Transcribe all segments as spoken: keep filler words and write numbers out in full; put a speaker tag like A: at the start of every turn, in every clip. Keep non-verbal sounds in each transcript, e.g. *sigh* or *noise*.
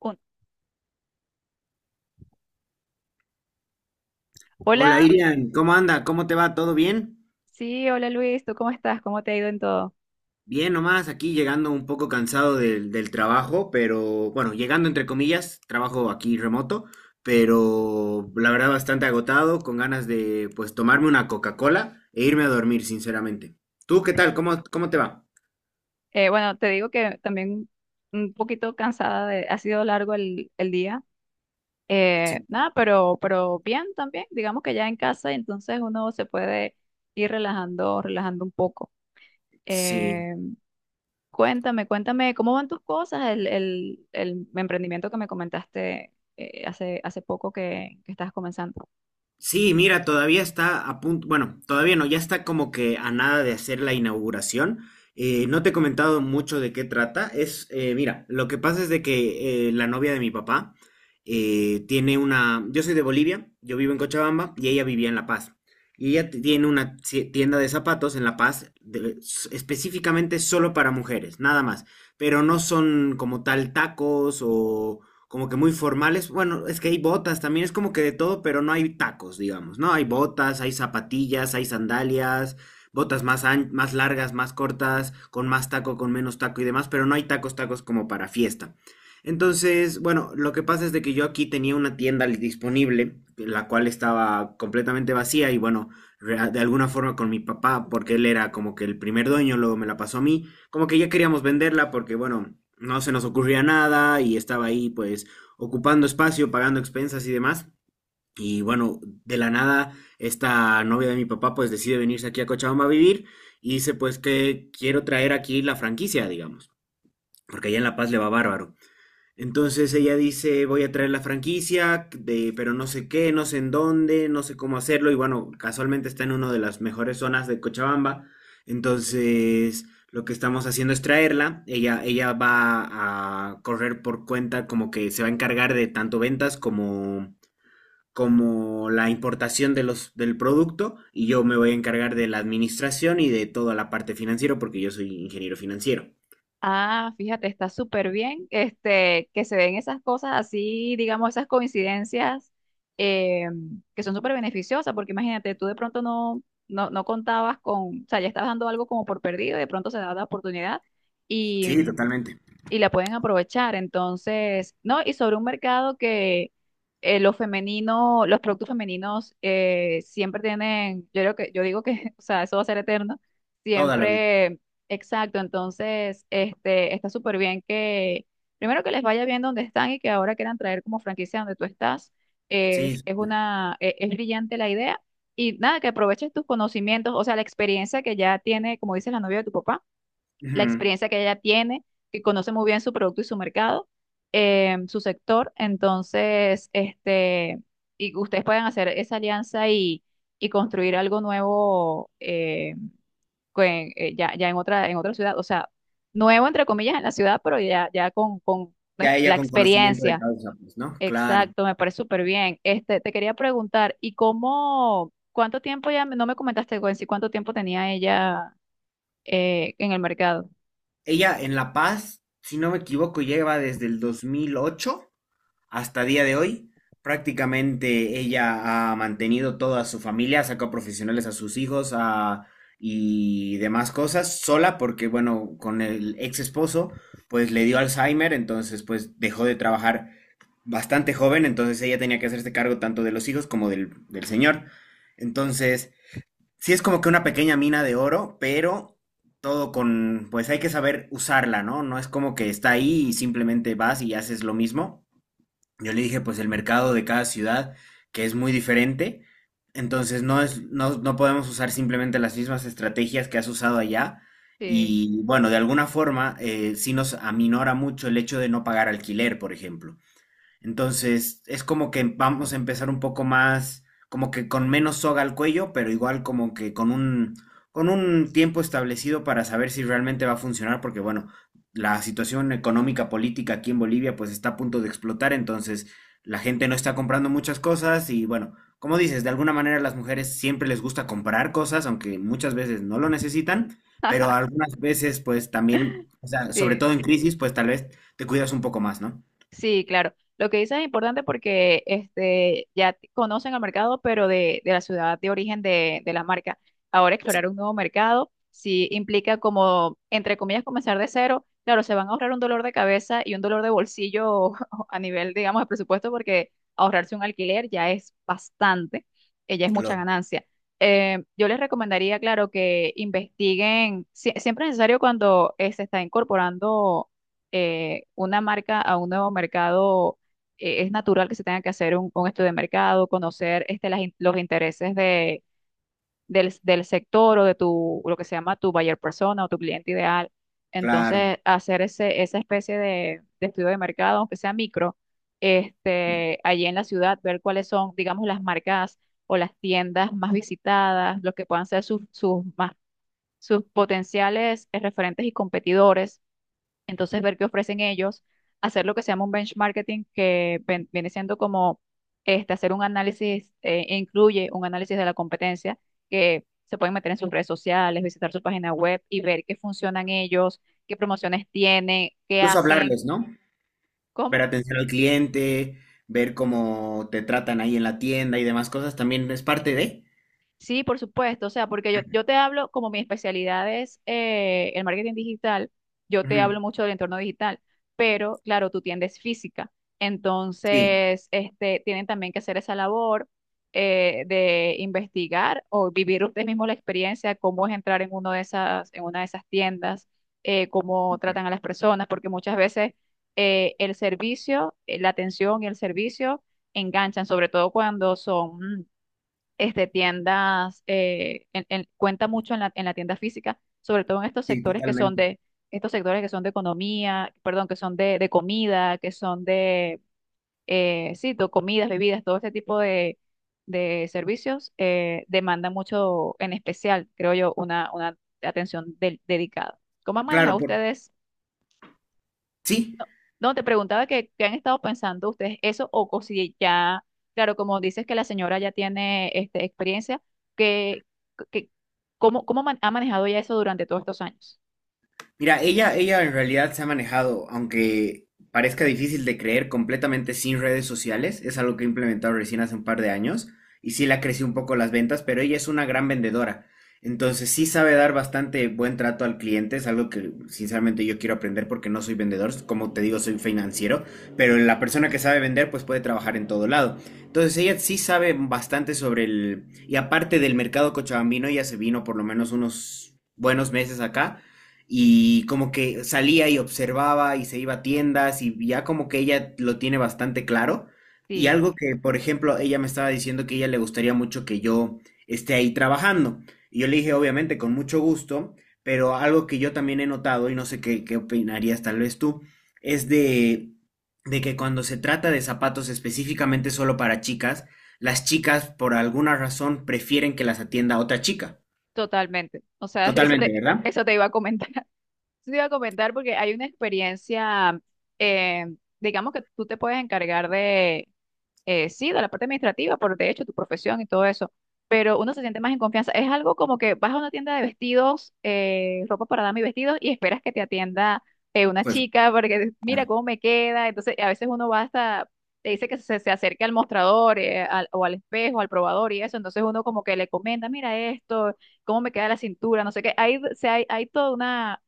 A: Un-
B: Hola
A: Hola.
B: Irian, ¿cómo anda? ¿Cómo te va? ¿Todo bien?
A: Sí, hola Luis, ¿tú cómo estás? ¿Cómo te ha ido en todo?
B: Bien nomás, aquí llegando un poco cansado del, del trabajo, pero bueno, llegando entre comillas, trabajo aquí remoto, pero la verdad bastante agotado, con ganas de pues tomarme una Coca-Cola e irme a dormir, sinceramente. ¿Tú qué tal? ¿Cómo, cómo te va?
A: Eh, bueno, te digo que también un poquito cansada de, ha sido largo el, el día. Eh,
B: Sí,
A: nada, pero, pero bien también, digamos que ya en casa, entonces uno se puede ir relajando, relajando un poco.
B: sí.
A: Eh, Cuéntame, cuéntame, ¿cómo van tus cosas? El, el, el emprendimiento que me comentaste, eh, hace, hace poco, que, que estás comenzando.
B: Sí, mira, todavía está a punto, bueno, todavía no, ya está como que a nada de hacer la inauguración. Eh, no te he comentado mucho de qué trata. Es, eh, mira, lo que pasa es de que eh, la novia de mi papá eh, tiene una, yo soy de Bolivia, yo vivo en Cochabamba y ella vivía en La Paz. Y ella ti- tiene una ci- tienda de zapatos en La Paz, de- s- específicamente solo para mujeres, nada más. Pero no son como tal tacos o como que muy formales. Bueno, es que hay botas también, es como que de todo, pero no hay tacos, digamos, ¿no? Hay botas, hay zapatillas, hay sandalias, botas más, an- más largas, más cortas, con más taco, con menos taco y demás, pero no hay tacos, tacos como para fiesta. Entonces, bueno, lo que pasa es de que yo aquí tenía una tienda li- disponible, la cual estaba completamente vacía y bueno, rea- de alguna forma con mi papá, porque él era como que el primer dueño, luego me la pasó a mí, como que ya queríamos venderla porque, bueno, no se nos ocurría nada y estaba ahí pues ocupando espacio, pagando expensas y demás. Y bueno, de la nada, esta novia de mi papá pues decide venirse aquí a Cochabamba a vivir y dice pues que quiero traer aquí la franquicia, digamos, porque allá en La Paz le va bárbaro. Entonces ella dice, voy a traer la franquicia, de, pero no sé qué, no sé en dónde, no sé cómo hacerlo. Y bueno, casualmente está en una de las mejores zonas de Cochabamba. Entonces, lo que estamos haciendo es traerla. Ella, ella va a correr por cuenta, como que se va a encargar de tanto ventas como, como la importación de los, del producto. Y yo me voy a encargar de la administración y de toda la parte financiera, porque yo soy ingeniero financiero.
A: Ah, fíjate, está súper bien, este, que se den esas cosas así, digamos, esas coincidencias, eh, que son súper beneficiosas, porque imagínate, tú de pronto no, no, no contabas con, o sea, ya estabas dando algo como por perdido y de pronto se da la oportunidad
B: Sí, totalmente.
A: y la pueden aprovechar. Entonces, ¿no? Y sobre un mercado que, eh, lo femenino, los productos femeninos eh, siempre tienen, yo creo que, yo digo que, *laughs* o sea, eso va a ser eterno,
B: Toda la vida.
A: siempre, exacto. Entonces, este, está súper bien que primero que les vaya bien donde están y que ahora quieran traer como franquicia donde tú estás,
B: Sí.
A: es, es una, e- es brillante la idea. Y nada, que aproveches tus conocimientos, o sea, la experiencia que ya tiene, como dices, la novia de tu papá, la
B: Ujú.
A: experiencia que ella tiene, que conoce muy bien su producto y su mercado, eh, su sector. Entonces, este, y ustedes pueden hacer esa alianza y, y construir algo nuevo, eh, con- eh, ya, ya en otra, en otra ciudad. O sea, nuevo entre comillas en la ciudad, pero ya, ya con, con pues,
B: Ya
A: la
B: ella con conocimiento de
A: experiencia.
B: causa, pues, ¿no? Claro.
A: Exacto, me parece súper bien. Este, te quería preguntar, ¿y cómo, cuánto tiempo ya, me- no me comentaste, Gwen, si ¿cuánto tiempo tenía ella, eh, en el mercado?
B: Ella en La Paz, si no me equivoco, lleva desde el dos mil ocho hasta día de hoy. Prácticamente ella ha mantenido toda su familia, sacó profesionales a sus hijos a- y demás cosas sola porque, bueno, con el ex esposo, pues le dio Alzheimer, entonces pues dejó de trabajar bastante joven, entonces ella tenía que hacerse cargo tanto de los hijos como del, del señor. Entonces... Sí, es como que una pequeña mina de oro, pero todo con, pues hay que saber usarla, ¿no? No es como que está ahí y simplemente vas y haces lo mismo. Yo le dije, pues el mercado de cada ciudad, que es muy diferente, entonces no es, no, no podemos usar simplemente las mismas estrategias que has usado allá.
A: Sí.
B: Y bueno, de alguna forma, eh, sí nos aminora mucho el hecho de no pagar alquiler, por ejemplo. Entonces, es como que vamos a empezar un poco más, como que con menos soga al cuello, pero igual como que con un, con un tiempo establecido para saber si realmente va a funcionar, porque bueno, la situación económica política aquí en Bolivia pues está a punto de explotar, entonces la gente no está comprando muchas cosas y bueno, como dices, de alguna manera las mujeres siempre les gusta comprar cosas, aunque muchas veces no lo necesitan, pero
A: *laughs*
B: algunas veces pues también, o sea, sobre
A: Sí,
B: todo en crisis, pues tal vez te cuidas un poco más, ¿no?
A: sí, claro. Lo que dices es importante porque, este, ya t- conocen el mercado, pero de, de la ciudad de origen, de, de la marca. Ahora explorar un nuevo mercado sí implica, como, entre comillas, comenzar de cero. Claro, se van a ahorrar un dolor de cabeza y un dolor de bolsillo *laughs* a nivel, digamos, de presupuesto, porque ahorrarse un alquiler ya es bastante, eh, ya es mucha ganancia. Eh, yo les recomendaría, claro, que investiguen, sie- siempre es necesario cuando, eh, se está incorporando, eh, una marca a un nuevo mercado, eh, es natural que se tenga que hacer un, un estudio de mercado, conocer, este, las in- los intereses de, del, del sector, o de tu, lo que se llama tu buyer persona o tu cliente ideal.
B: Claro.
A: Entonces, hacer ese, esa especie de, de estudio de mercado, aunque sea micro, este, allí en la ciudad, ver cuáles son, digamos, las marcas o las tiendas más visitadas, los que puedan ser sus, sus más, sus potenciales, eh, referentes y competidores. Entonces, ver qué ofrecen ellos, hacer lo que se llama un benchmarking, que ven- viene siendo como, este, hacer un análisis, eh, e incluye un análisis de la competencia, que se pueden meter en sus redes sociales, visitar su página web y ver qué funcionan ellos, qué promociones tienen, qué
B: Incluso
A: hacen.
B: hablarles, ¿no? Ver
A: ¿Cómo?
B: atención al cliente, ver cómo te tratan ahí en la tienda y demás cosas también es parte de.
A: Sí, por supuesto, o sea, porque yo, yo te hablo, como mi especialidad es, eh, el marketing digital, yo te
B: Ujú.
A: hablo mucho del entorno digital, pero, claro, tu tienda es física,
B: Sí,
A: entonces, este, tienen también que hacer esa labor, eh, de investigar o vivir ustedes mismos la experiencia, cómo es entrar en, uno de esas, en una de esas tiendas, eh, cómo tratan a las personas, porque muchas veces, eh, el servicio, eh, la atención y el servicio enganchan, sobre todo cuando son, mm, este, tiendas, eh, en- en- cuenta mucho en la, en la, tienda física, sobre todo en estos
B: sí,
A: sectores que son
B: totalmente.
A: de, estos sectores que son de economía, perdón, que son de, de comida, que son de, eh, sí, to- comidas, bebidas, todo este tipo de, de servicios, eh, demanda mucho, en especial, creo yo, una, una atención del- dedicada. ¿Cómo han
B: Claro,
A: manejado
B: por...
A: ustedes?
B: sí.
A: No, te preguntaba, que, ¿qué han estado pensando ustedes eso?, o, co- si ya, claro, como dices que la señora ya tiene, este, experiencia, que, que, ¿cómo, cómo man- ha manejado ya eso durante todos estos años?
B: Mira, ella, ella en realidad se ha manejado, aunque parezca difícil de creer, completamente sin redes sociales. Es algo que ha implementado recién hace un par de años y sí le ha crecido un poco las ventas, pero ella es una gran vendedora. Entonces sí sabe dar bastante buen trato al cliente, es algo que sinceramente yo quiero aprender porque no soy vendedor, como te digo, soy financiero, pero la persona que sabe vender pues puede trabajar en todo lado. Entonces ella sí sabe bastante sobre el... Y aparte del mercado cochabambino, ella se vino por lo menos unos buenos meses acá y como que salía y observaba y se iba a tiendas y ya como que ella lo tiene bastante claro. Y
A: Sí,
B: algo que, por ejemplo, ella me estaba diciendo que a ella le gustaría mucho que yo esté ahí trabajando. Y yo le dije, obviamente, con mucho gusto, pero algo que yo también he notado, y no sé qué, qué opinarías tal vez tú, es de, de que cuando se trata de zapatos específicamente solo para chicas, las chicas por alguna razón prefieren que las atienda otra chica.
A: totalmente. O sea, *laughs* eso
B: Totalmente,
A: te,
B: ¿verdad?
A: eso te iba a comentar. *laughs* Eso te iba a comentar porque hay una experiencia, eh, digamos que tú te puedes encargar de, eh, sí, de la parte administrativa, por de hecho tu profesión y todo eso, pero uno se siente más en confianza. Es algo como que vas a una tienda de vestidos, eh, ropa para dama y vestidos, y esperas que te atienda, eh, una
B: Pues
A: chica, para que mira cómo me queda. Entonces, a veces uno va hasta, te dice que se, se acerque al mostrador, eh, al- o al espejo, al probador y eso. Entonces, uno como que le comenta: mira esto, cómo me queda la cintura, no sé qué. Hay, o sea, hay, hay toda una,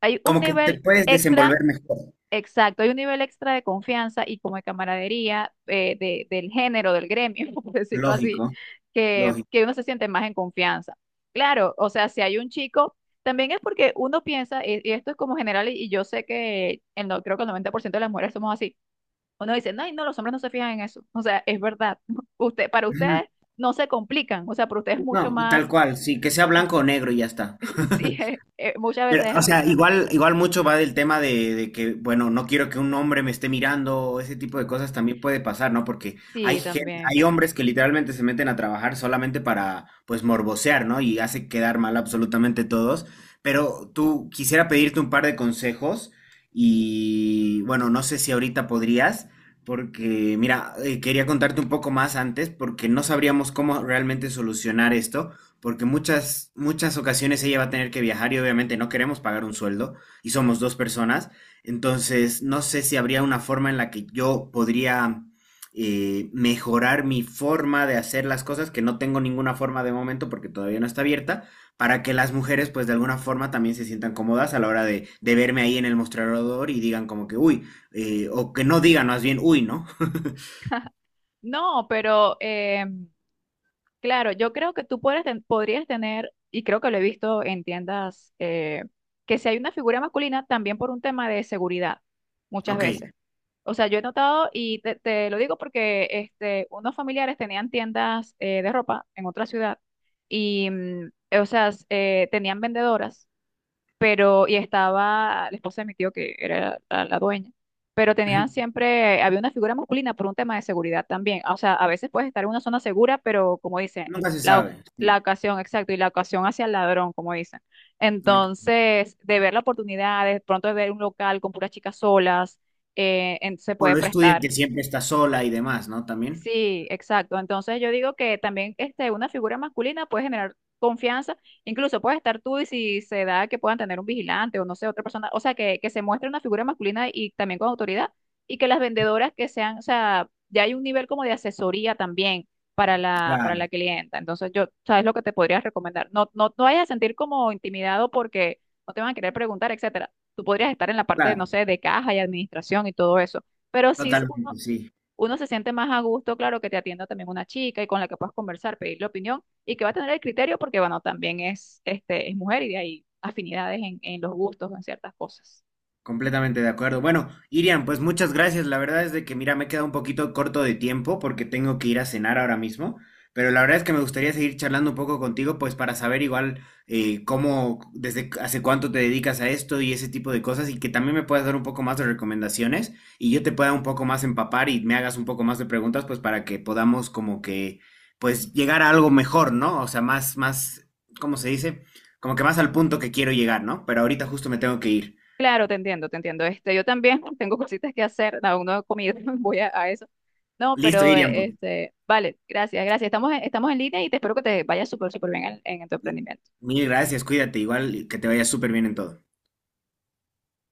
A: hay un
B: como que te
A: nivel
B: puedes
A: extra.
B: desenvolver mejor.
A: Exacto, hay un nivel extra de confianza y como de camaradería, eh, de- del género, del gremio, *laughs* por decirlo así,
B: Lógico,
A: que,
B: lógico.
A: que uno se siente más en confianza. Claro, o sea, si hay un chico, también es porque uno piensa, y, y esto es como general, y, y yo sé que el, no, creo que el noventa por ciento de las mujeres somos así. Uno dice: ay, no, los hombres no se fijan en eso. O sea, es verdad. *laughs* Usted, para
B: Ujú.
A: ustedes no se complican, o sea, para ustedes es
B: No,
A: mucho
B: tal
A: más,
B: cual, sí, que sea blanco o negro y ya está.
A: *laughs* sí,
B: *laughs*
A: eh, eh, muchas
B: Pero,
A: veces es
B: o
A: así.
B: sea, igual, igual mucho va del tema de, de que, bueno, no quiero que un hombre me esté mirando, o ese tipo de cosas también puede pasar, ¿no? Porque hay
A: Sí,
B: gente,
A: también.
B: hay hombres que literalmente se meten a trabajar solamente para, pues, morbosear, ¿no? Y hace quedar mal absolutamente todos. Pero tú quisiera pedirte un par de consejos y, bueno, no sé si ahorita podrías, porque, mira, eh, quería contarte un poco más antes porque no sabríamos cómo realmente solucionar esto porque muchas, muchas ocasiones ella va a tener que viajar y obviamente no queremos pagar un sueldo y somos dos personas. Entonces, no sé si habría una forma en la que yo podría eh, mejorar mi forma de hacer las cosas, que no tengo ninguna forma de momento porque todavía no está abierta, para que las mujeres pues de alguna forma también se sientan cómodas a la hora de, de verme ahí en el mostrador y digan como que, uy, eh, o que no digan más bien, uy, ¿no? *laughs*
A: No, pero, em, claro, yo creo que tú podrías, ten- podrías tener, y creo que lo he visto en tiendas, eh, que si hay una figura masculina, también por un tema de seguridad, muchas
B: Ok.
A: veces. O sea, yo he notado, y te, te lo digo porque, este, unos familiares tenían tiendas, eh, de ropa en otra ciudad, y, mm, o sea, s- eh, tenían vendedoras, pero y estaba la esposa de mi tío, que era la, la dueña, pero tenían
B: *clears throat*
A: siempre, había una figura masculina por un tema de seguridad también. O sea, a veces puedes estar en una zona segura, pero, como dicen,
B: Nunca se
A: la, oc-
B: sabe. Sí.
A: la ocasión, exacto, y la ocasión hacia el ladrón, como dicen.
B: No.
A: Entonces, de ver la oportunidad, de pronto de ver un local con puras chicas solas, eh, en- se
B: O
A: puede
B: lo estudian
A: prestar.
B: que siempre está sola y demás, ¿no? También.
A: Sí, exacto. Entonces, yo digo que también, este, una figura masculina puede generar confianza, incluso puede estar tú, y si se da que puedan tener un vigilante o no sé, otra persona, o sea, que, que se muestre una figura masculina y también con autoridad, y que las vendedoras que sean, o sea, ya hay un nivel como de asesoría también para la, para
B: Claro,
A: la clienta. Entonces yo, ¿sabes lo que te podría recomendar? No, no, no vayas a sentir como intimidado, porque no te van a querer preguntar, etcétera. Tú podrías estar en la parte, no
B: claro,
A: sé, de caja y administración y todo eso. Pero sí,
B: totalmente, sí.
A: uno se siente más a gusto, claro, que te atienda también una chica y con la que puedas conversar, pedirle opinión y que va a tener el criterio, porque, bueno, también es, este, es mujer, y de ahí afinidades en, en, los gustos, en ciertas cosas.
B: Completamente de acuerdo. Bueno, Irian, pues muchas gracias. La verdad es de que, mira, me he quedado un poquito corto de tiempo porque tengo que ir a cenar ahora mismo, pero la verdad es que me gustaría seguir charlando un poco contigo, pues para saber igual eh, cómo, desde cu- hace cuánto te dedicas a esto y ese tipo de cosas y que también me puedas dar un poco más de recomendaciones y yo te pueda un poco más empapar y me hagas un poco más de preguntas, pues para que podamos como que, pues llegar a algo mejor, ¿no? O sea, más, más, ¿cómo se dice? Como que más al punto que quiero llegar, ¿no? Pero ahorita justo me tengo que ir.
A: Claro, te entiendo, te entiendo. Este, yo también *laughs* tengo cositas que hacer, no, aún no he comido, *laughs* voy a, a eso. No,
B: Listo,
A: pero,
B: Irian,
A: eh,
B: pues.
A: este, vale, gracias, gracias. Estamos en, estamos en línea, y te espero que te vaya súper, súper bien en en tu emprendimiento.
B: Mil gracias, cuídate, igual que te vaya súper bien en todo.